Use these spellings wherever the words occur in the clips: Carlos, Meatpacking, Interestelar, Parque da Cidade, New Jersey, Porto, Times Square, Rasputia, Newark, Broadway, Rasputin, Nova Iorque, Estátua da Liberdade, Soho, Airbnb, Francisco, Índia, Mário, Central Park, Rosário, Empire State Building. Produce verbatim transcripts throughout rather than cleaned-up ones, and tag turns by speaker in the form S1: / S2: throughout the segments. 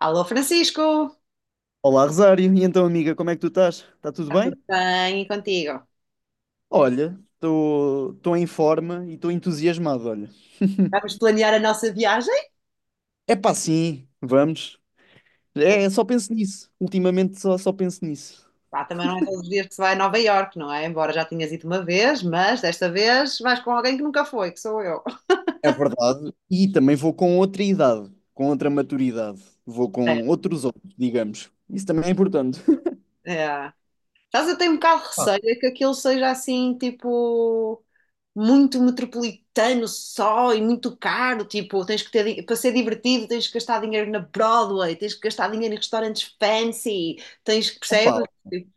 S1: Alô, Francisco!
S2: Olá, Rosário. E então, amiga, como é que tu estás? Está tudo bem?
S1: Bem, e contigo?
S2: Olha, estou em forma e estou entusiasmado, olha.
S1: Vamos planear a nossa viagem?
S2: É pá, sim, vamos.
S1: Bom,
S2: É, só penso nisso. Ultimamente só, só penso nisso.
S1: pá, também não é todos os dias que se vai a Nova Iorque, não é? Embora já tinhas ido uma vez, mas desta vez vais com alguém que nunca foi, que sou eu.
S2: É verdade. E também vou com outra idade, com outra maturidade. Vou
S1: É.
S2: com outros olhos, digamos. Isso também é importante.
S1: É. Sabes, eu tenho um bocado de
S2: Pá,
S1: receio é que aquilo seja assim, tipo, muito metropolitano só e muito caro. Tipo, tens que ter, di- para ser divertido, tens que gastar dinheiro na Broadway, tens que gastar dinheiro em restaurantes fancy, tens que,
S2: opá,
S1: percebes? Tipo,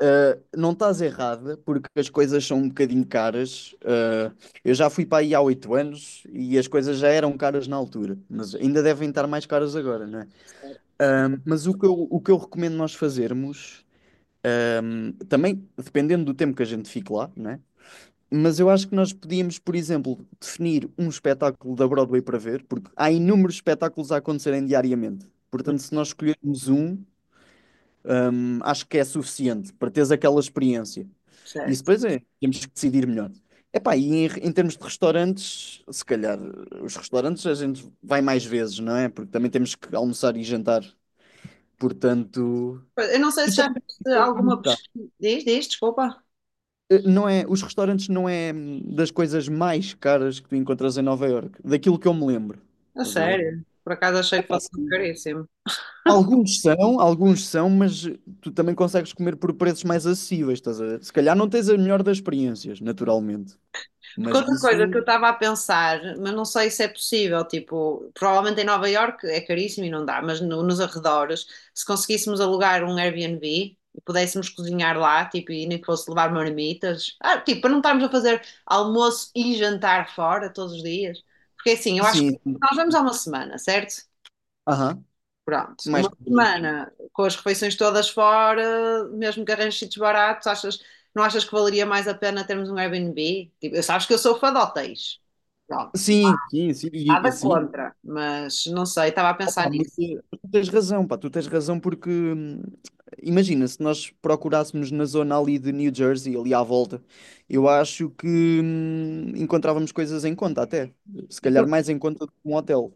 S2: Uh, não estás errada, porque as coisas são um bocadinho caras. Uh, eu já fui para aí há oito anos e as coisas já eram caras na altura, mas ainda devem estar mais caras agora, não é? Um, mas o que eu, o que eu recomendo nós fazermos, também dependendo do tempo que a gente fique lá, não é? Mas eu acho que nós podíamos, por exemplo, definir um espetáculo da Broadway para ver, porque há inúmeros espetáculos a acontecerem diariamente.
S1: não
S2: Portanto, se nós escolhermos um, Hum, acho que é suficiente para teres aquela experiência.
S1: sei.
S2: Isso depois é, temos que decidir melhor. Epá, e em, em termos de restaurantes, se calhar os restaurantes a gente vai mais vezes, não é? Porque também temos que almoçar e jantar. Portanto,
S1: Eu não sei
S2: e
S1: se já
S2: também
S1: fizeste alguma pesquisa. Diz, diz, desculpa.
S2: Eh, não é, os restaurantes não é hum, das coisas mais caras que tu encontras em Nova Iorque, daquilo que eu me lembro.
S1: A
S2: Estás a ver?
S1: sério. Por acaso achei que
S2: Epá,
S1: fosse
S2: sim.
S1: caríssimo.
S2: Alguns são, alguns são, mas tu também consegues comer por preços mais acessíveis, estás a ver? Se calhar não tens a melhor das experiências, naturalmente.
S1: Porque
S2: Mas
S1: outra coisa que
S2: isso,
S1: eu estava a pensar, mas não sei se é possível, tipo, provavelmente em Nova Iorque é caríssimo e não dá, mas no- nos arredores, se conseguíssemos alugar um Airbnb e pudéssemos cozinhar lá, tipo, e nem que fosse levar marmitas, ah, tipo, para não estarmos a fazer almoço e jantar fora todos os dias. Porque assim, eu acho que
S2: sim, sim.
S1: nós vamos há uma semana, certo?
S2: Aham,
S1: Pronto,
S2: mais
S1: uma
S2: complemento.
S1: semana com as refeições todas fora, mesmo que arranjes sítios baratos, achas, não achas que valeria mais a pena termos um Airbnb? Tipo, eu sabes que eu sou fã de hotéis. Pronto, não
S2: Sim, sim, sim,
S1: há
S2: e, e
S1: nada
S2: sim.
S1: contra, mas não sei, estava a pensar
S2: Opa, mas
S1: nisso.
S2: eh, tu tens razão, pá, tu tens razão porque hum, imagina, se nós procurássemos na zona ali de New Jersey, ali à volta, eu acho que hum, encontrávamos coisas em conta até. Se
S1: E tu
S2: calhar mais em conta do que um hotel.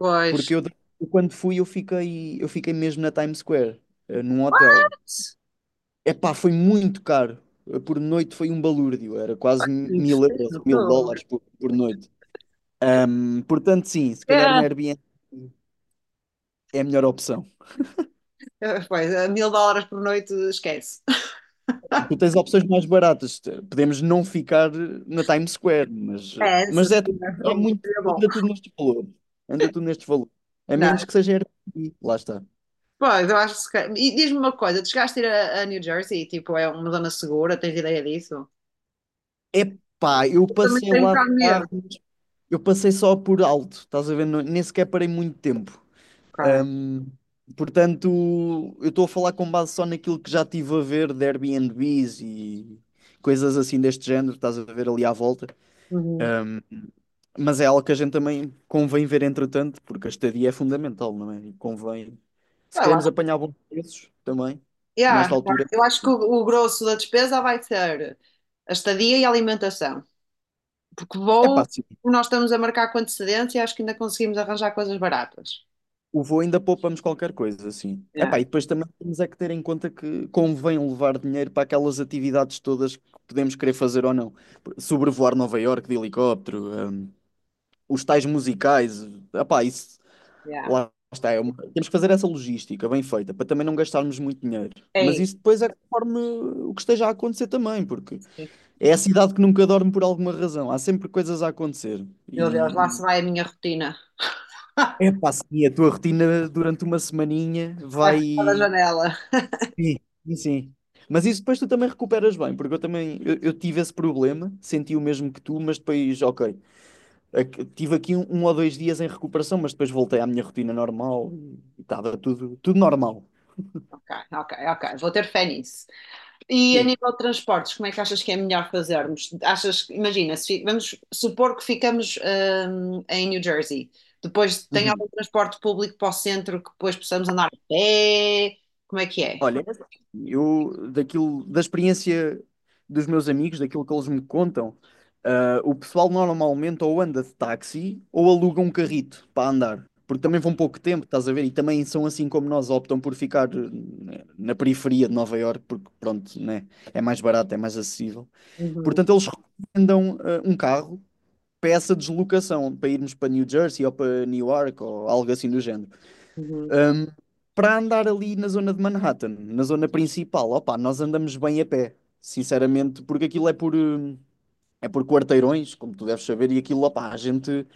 S1: depois,
S2: Porque eu, eu quando fui, eu fiquei, eu fiquei mesmo na Times Square, eh, num hotel. Epá, foi muito caro. Eh, Por noite foi um balúrdio, era quase mil euros,
S1: não
S2: mil
S1: estou.
S2: dólares por, por noite. Hum, Portanto, sim, se calhar um
S1: É.
S2: Airbnb é a melhor opção.
S1: Pois, a mil dólares por noite, esquece.
S2: Tu tens opções mais baratas. Te- Podemos não ficar eh, na Times Square, mas, eh,
S1: É, essa
S2: mas é,
S1: seria
S2: é muito.
S1: seria bom.
S2: Anda tudo nestes valores. Anda tudo nestes valores. A
S1: Não,
S2: menos que seja Airbnb, lá está.
S1: pois, eu acho que. Se calhar- E diz-me uma coisa, tu chegaste a ir a, a New Jersey, tipo, é uma zona segura, tens ideia disso?
S2: Epá, eu
S1: Eu também
S2: passei
S1: tenho
S2: lá
S1: cá
S2: de
S1: mesmo,
S2: carro. Eu passei só por alto, estás a ver? Não- Nem sequer parei muito tempo.
S1: cara.
S2: Ahm, portanto, eu estou a falar com base só naquilo que já tive a ver de Airbnbs e coisas assim deste género, estás a ver ali à volta.
S1: Uhum.
S2: Mas é algo que a gente também convém ver entretanto, porque a estadia é fundamental, não é? E convém. Se
S1: Eu
S2: queremos
S1: acho,
S2: apanhar bons preços também, nesta
S1: yeah,
S2: altura,
S1: eu acho que o, o grosso da despesa vai ser a estadia e a alimentação. Porque
S2: é pá,
S1: voos, nós estamos a marcar com antecedência e acho que ainda conseguimos arranjar coisas baratas.
S2: o voo ainda poupamos qualquer coisa, assim.
S1: Yeah,
S2: Epá, e depois também temos é que ter em conta que convém levar dinheiro para aquelas atividades todas que podemos querer fazer ou não. Sobrevoar Nova Iorque de helicóptero, hum, os tais musicais. Epá, isso
S1: yeah.
S2: lá está. É uma... Temos que fazer essa logística bem feita para também não gastarmos muito dinheiro.
S1: É
S2: Mas
S1: isso.
S2: isso depois é conforme o que esteja a acontecer também, porque é a cidade que nunca dorme por alguma razão. Há sempre coisas a acontecer.
S1: Meu Deus, lá
S2: E,
S1: se
S2: e...
S1: vai a minha rotina.
S2: Epá, sim, a tua rotina durante uma semaninha
S1: Vai para da
S2: vai.
S1: janela.
S2: Sim, sim, sim. Mas isso depois tu também recuperas bem, porque eu também eu, eu tive esse problema, senti o mesmo que tu, mas depois, ok, ac- tive aqui um, um ou dois dias em recuperação, mas depois voltei à minha rotina normal e estava tudo, tudo normal.
S1: Ok, ok, ok. Vou ter fé nisso. E a
S2: Sim.
S1: nível de transportes, como é que achas que é melhor fazermos? Achas, que- imagina, se fi- vamos supor que ficamos hum, em New Jersey. Depois tem
S2: Uhum.
S1: algum transporte público para o centro que depois possamos andar a pé? Como é que é?
S2: Olha, eu daquilo, da experiência dos meus amigos, daquilo que eles me contam, ah, o pessoal normalmente ou anda de táxi ou aluga um carrito para andar, porque também vão pouco tempo, estás a ver? E também são assim como nós, optam por ficar eh, na periferia de Nova Iorque, porque pronto, né? É mais barato, é mais acessível.
S1: Uhum,
S2: Portanto, eles recomendam ah, um carro para essa deslocação, para irmos para New Jersey ou para Newark ou algo assim do género,
S1: uhum,
S2: hum, para andar ali na zona de Manhattan, na zona principal. Opa, nós andamos bem a pé, sinceramente, porque aquilo é por, hum, é por quarteirões, como tu deves saber, e aquilo, opa, a gente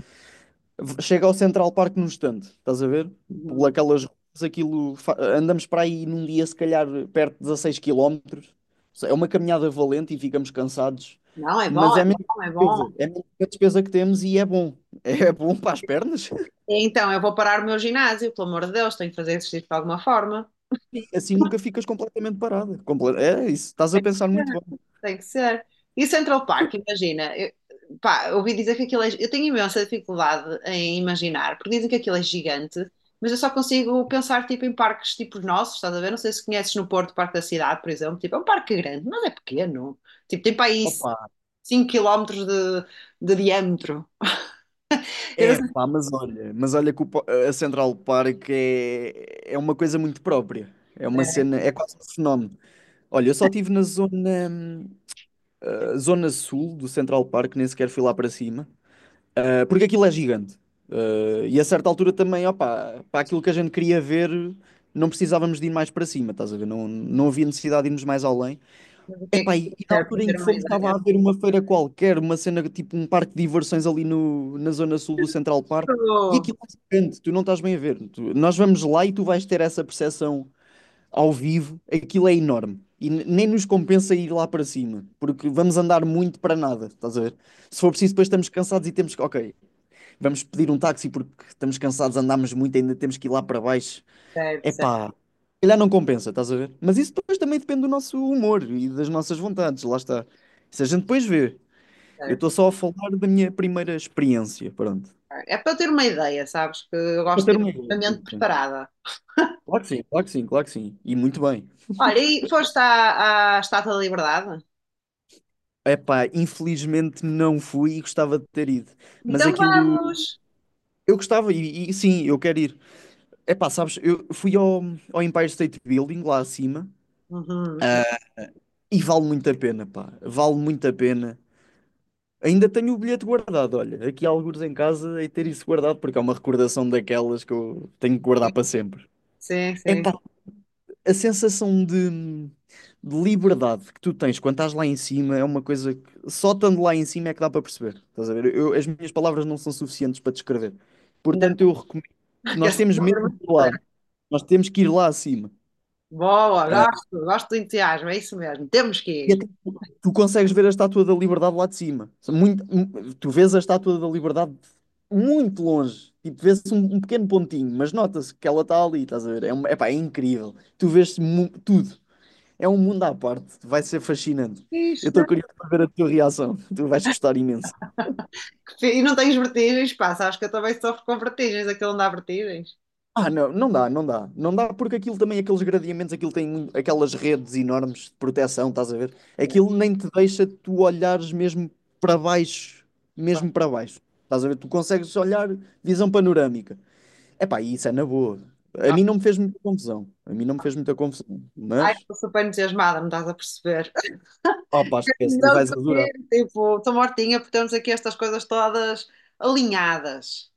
S2: chega ao Central Park num instante, estás a ver? Por
S1: uhum.
S2: aquelas ruas, aquilo, fa- andamos para aí num dia, se calhar, perto de dezasseis quilómetros. É uma caminhada valente e ficamos cansados,
S1: Não, é bom,
S2: mas
S1: é
S2: é mesmo.
S1: bom, é bom.
S2: Despesa, é mesmo a despesa que temos e é bom. É bom para as pernas.
S1: Então, eu vou parar o meu ginásio, pelo amor de Deus, tenho que fazer exercício de alguma forma.
S2: E assim nunca ficas completamente parada. Comple- É isso, estás a pensar muito bem.
S1: Tem que ser. E Central Park, imagina. Eu, pá, eu ouvi dizer que aquilo é. Eu tenho imensa dificuldade em imaginar, porque dizem que aquilo é gigante, mas eu só consigo pensar tipo, em parques tipo os nossos, estás a ver? Não sei se conheces no Porto, o Parque da Cidade, por exemplo. Tipo, é um parque grande, mas é pequeno. Tipo, tem para aí
S2: Opa,
S1: cinco quilómetros de, de diâmetro. Eu não
S2: é
S1: sei
S2: pá, mas olha, mas olha que o po- a Central Park é, é uma coisa muito própria. É uma
S1: é,
S2: cena, é quase um fenómeno. Olha, eu só estive na zona, hum, ah, zona sul do Central Park, nem sequer fui lá para cima. Ah, porque aquilo é gigante. Ah, e a certa altura também, opa, para aquilo que a gente queria ver, não precisávamos de ir mais para cima, estás a ver? Não, não havia necessidade de irmos mais além.
S1: o que é que
S2: Epá, e e na
S1: serve para
S2: altura em
S1: ter
S2: que
S1: uma
S2: fomos estava
S1: ideia.
S2: a haver uma feira qualquer, uma cena tipo um parque de diversões ali no, na zona sul do Central Park, e
S1: Oh,
S2: aquilo é gigante, tu não estás bem a ver. Tu- nós vamos lá e tu vais ter essa percepção ao vivo, aquilo é enorme. E n- nem nos compensa ir lá para cima, porque vamos andar muito para nada, estás a ver? Se for preciso, depois estamos cansados e temos que, ok, vamos pedir um táxi porque estamos cansados, andámos muito, ainda temos que ir lá para baixo.
S1: certo, certo,
S2: Epá, se calhar não compensa, estás a ver? Mas isso depois também depende do nosso humor e das nossas vontades, lá está. Isso a gente depois vê. Eu
S1: certo.
S2: estou só a falar da minha primeira experiência, pronto.
S1: É para ter uma ideia, sabes? Que eu
S2: Para
S1: gosto
S2: ter
S1: de
S2: uma
S1: ter
S2: ideia.
S1: uma mente
S2: Sim.
S1: preparada.
S2: Claro que sim, claro que sim, claro que sim. E muito bem.
S1: Olha, e foste à, à Estátua da Liberdade?
S2: Epá, infelizmente não fui e gostava de ter ido. Mas
S1: Então
S2: aquilo...
S1: vamos!
S2: Eu gostava e, e sim, eu quero ir. Epá, sabes, eu fui ao, ao Empire State Building, lá acima,
S1: Uhum.
S2: ah, e vale muito a pena, pá. Vale muito a pena. Ainda tenho o bilhete guardado, olha. Aqui há alguns em casa e ter isso guardado, porque é uma recordação daquelas que eu tenho que guardar para sempre.
S1: Sim, sim.
S2: Epá, a sensação de, de liberdade que tu tens quando estás lá em cima é uma coisa que só estando lá em cima é que dá para perceber. Estás a ver? Eu- as minhas palavras não são suficientes para descrever.
S1: Ainda
S2: Portanto, eu recomendo.
S1: bem que
S2: Nós
S1: essa
S2: temos
S1: não era
S2: mesmo de
S1: muito
S2: ir lá.
S1: diferente.
S2: Nós temos que ir lá acima.
S1: Boa, gosto, gosto do entusiasmo, é isso mesmo. Temos que
S2: E
S1: ir.
S2: até tu, tu consegues ver a Estátua da Liberdade lá de cima. Muito, mu- tu vês a Estátua da Liberdade muito longe. Tipo, vê-se um, um pequeno pontinho, mas nota-se que ela está ali, estás a ver? É, uma... epá, é incrível. Tu vês mu- tudo. É um mundo à parte. Vai ser fascinante. Eu
S1: Isso.
S2: estou curioso para ver a tua reação. Tu vais gostar imenso.
S1: Que fi- E não tens vertigens? Passa. Acho que eu também sofro com vertigens, aquilo não dá vertigens.
S2: Ah, não, não dá, não dá. Não dá porque aquilo também, aqueles gradeamentos, aquilo tem muito- aquelas redes enormes de proteção, estás a ver?
S1: É,
S2: Aquilo nem te deixa tu olhares mesmo para baixo,
S1: pá.
S2: mesmo para baixo. Estás a ver? Tu consegues olhar visão panorâmica. Epá, e isso é na boa. A
S1: Não.
S2: mim não me fez muita confusão. A mim não me fez muita confusão.
S1: Ai,
S2: Mas,
S1: estou super entusiasmada, não estás a perceber.
S2: opá, esquece, tu
S1: Não
S2: vais adorar.
S1: sei, tipo, estou mortinha por termos aqui estas coisas todas alinhadas.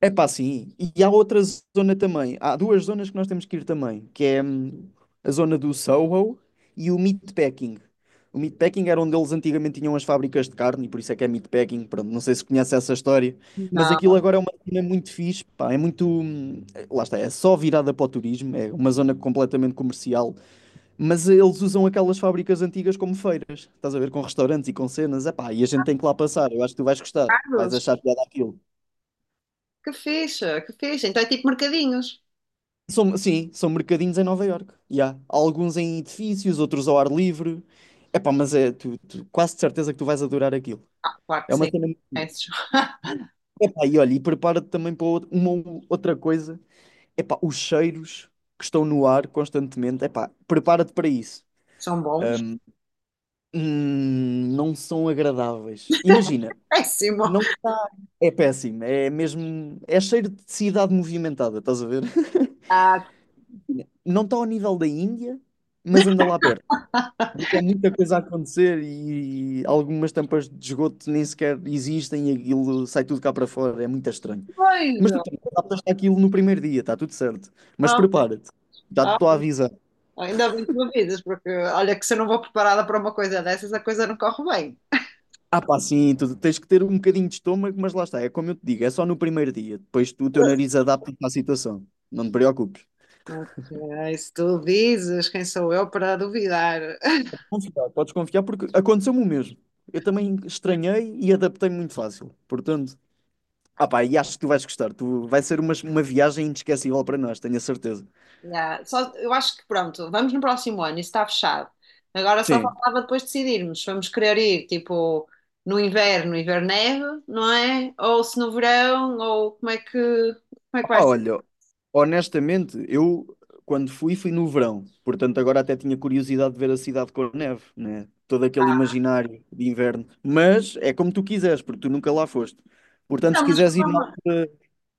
S2: É pá, sim. E há outra zona também. Há duas zonas que nós temos que ir também, que é hum, a zona do Soho e o Meatpacking. O Meatpacking era onde eles antigamente tinham as fábricas de carne, e por isso é que é Meatpacking. Pronto, não sei se conhece essa história, mas aquilo
S1: Não.
S2: agora é uma zona muito fixe, pá, é muito... hum, lá está, é só virada para o turismo, é uma zona completamente comercial, mas eh, eles usam aquelas fábricas antigas como feiras. Estás a ver, com restaurantes e com cenas, é pá, e a gente tem que lá passar. Eu acho que tu vais gostar, vais
S1: Carlos,
S2: achar piada aquilo.
S1: que fixe, que fixe. Então é tipo mercadinhos.
S2: São, sim, são mercadinhos em Nova Iorque. E há alguns em edifícios, outros ao ar livre. Epá, mas é tu, tu- quase de certeza que tu vais adorar aquilo.
S1: Ah, claro que
S2: É uma
S1: sim.
S2: cena muito bonita.
S1: Esses
S2: Epá, e olha, e prepara-te também para outra... uma ou... outra coisa. Epá, os cheiros que estão no ar constantemente. Epá, prepara-te para isso.
S1: são bons.
S2: Hum, não são agradáveis. Imagina,
S1: Péssimo.
S2: não é péssimo. É mesmo. É cheiro de cidade movimentada, estás a ver?
S1: Ah,
S2: Não está ao nível da Índia, mas anda lá perto.
S1: tá.
S2: Porque é muita coisa a acontecer e algumas tampas de esgoto nem sequer existem e aquilo sai tudo cá para fora, é muito estranho. Mas tu
S1: Beijo.
S2: também adaptaste aquilo no primeiro dia, está tudo certo. Mas
S1: Ah,
S2: prepara-te, já te
S1: ah,
S2: estou a avisar.
S1: ainda bem que me avisas, porque olha que se eu não vou preparada para uma coisa dessas, a coisa não corre bem.
S2: Ah, pá, sim, tu tens que ter um bocadinho de estômago, mas lá está, é como eu te digo, é só no primeiro dia. Depois tu, o teu nariz adapta-te à situação, não te preocupes.
S1: Ok, se tu dizes, quem sou eu para duvidar?
S2: Confiar, podes confiar porque aconteceu-me o mesmo. Eu também estranhei e adaptei-me muito fácil. Portanto, ah pá, e acho que tu vais gostar. Tu, vai ser uma, uma viagem inesquecível para nós, tenho a certeza.
S1: Yeah, só, eu acho que pronto, vamos no próximo ano, isso está fechado. Agora só
S2: Sim.
S1: faltava depois decidirmos se vamos querer ir tipo no inverno, inverno neve, não é? Ou se no verão, ou como é que, como é que
S2: Ah
S1: vai
S2: pá,
S1: ser?
S2: olha, honestamente, eu quando fui, fui no verão. Portanto, agora até tinha curiosidade de ver a cidade com neve, né? Todo aquele imaginário de inverno. Mas é como tu quiseres, porque tu nunca lá foste. Portanto,
S1: Não,
S2: se
S1: mas.
S2: quiseres ir na altura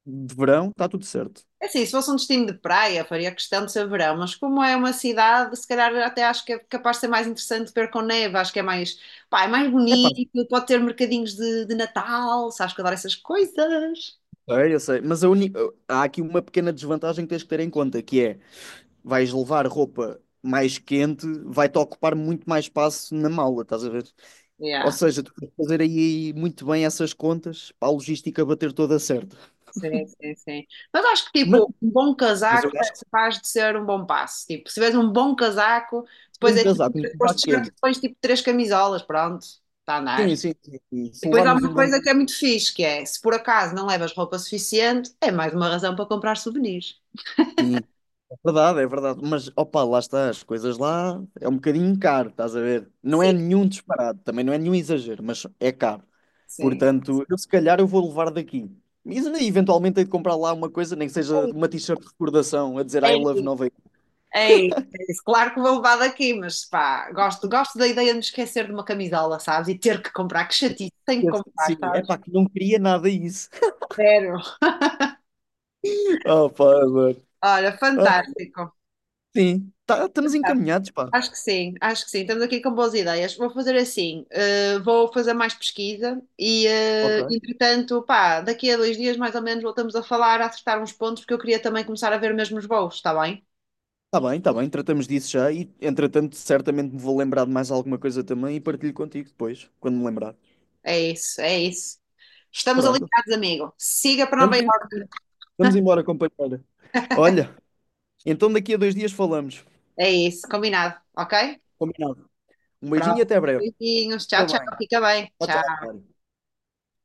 S2: de verão, está tudo certo.
S1: É assim, se fosse um destino de praia, faria questão de ser verão, mas como é uma cidade, se calhar até acho que é capaz de ser mais interessante ver com neve, acho que é mais, pá, é mais
S2: É pá,
S1: bonito, pode ter mercadinhos de, de Natal, sabes que eu adoro essas coisas.
S2: eu sei, eu sei. Mas a uni- há aqui uma pequena desvantagem que tens que ter em conta, que é vais levar roupa mais quente, vai-te ocupar muito mais espaço na mala, estás a ver? Ou
S1: Yeah,
S2: seja, tu tens fazer aí muito bem essas contas para a logística bater toda certa.
S1: sim, sim, sim. Mas acho que
S2: Mas,
S1: tipo, um bom
S2: mas eu
S1: casaco é
S2: acho que se
S1: capaz de ser um bom passo. Tipo, se tiveres um bom casaco,
S2: for
S1: depois
S2: um
S1: é tipo,
S2: casaco, um
S1: depois de
S2: casaco
S1: shirt,
S2: quente,
S1: depois tipo três camisolas, pronto, está a andar.
S2: sim, sim, sim, sim. Se
S1: Depois há
S2: levarmos um
S1: uma
S2: bom.
S1: coisa que é muito fixe, que é, se por acaso não levas roupa suficiente, é mais uma razão para comprar souvenirs.
S2: Sim, é verdade, é verdade. Mas opa, lá está, as coisas lá é um bocadinho caro, estás a ver? Não é
S1: Sim,
S2: nenhum disparado, também não é nenhum exagero, mas é caro.
S1: sim.
S2: Portanto, eu se calhar eu vou levar daqui. Mas eu eventualmente hei de comprar lá uma coisa, nem que seja
S1: É,
S2: uma t-shirt de recordação a dizer I love
S1: isso.
S2: Nova York.
S1: É isso, é isso. Claro que vou levar daqui, mas pá, gosto, gosto da ideia de me esquecer de uma camisola, sabes? E ter que comprar, que chatice, tenho que comprar,
S2: Sim, é
S1: sabes?
S2: pá, que não queria nada isso.
S1: Zero.
S2: Oh, pá, mano.
S1: Olha,
S2: Ah,
S1: fantástico.
S2: sim, tá... estamos encaminhados, pá.
S1: Acho que sim, acho que sim. Estamos aqui com boas ideias. Vou fazer assim, eh, vou fazer mais pesquisa e, eh,
S2: Ok.
S1: entretanto, pá, daqui a dois dias mais ou menos voltamos a falar, a acertar uns pontos, porque eu queria também começar a ver mesmo os voos, está bem?
S2: Está bem, está bem, tratamos disso já e, entretanto, certamente me vou lembrar de mais alguma coisa também e partilho contigo depois, quando me lembrar.
S1: É isso, é isso. Estamos
S2: Pronto.
S1: alinhados, amigo. Siga para Nova
S2: Estamos, sim,
S1: Iorque.
S2: senhora. Vamos embora, companheira. Olha, então daqui a dois dias falamos.
S1: É isso, combinado, ok?
S2: Combinado. Um beijinho e
S1: Pronto.
S2: até breve.
S1: Beijinhos, tchau,
S2: Fica
S1: tchau.
S2: bem.
S1: Fica bem,
S2: Tchau, tchau,
S1: tchau.
S2: Mário.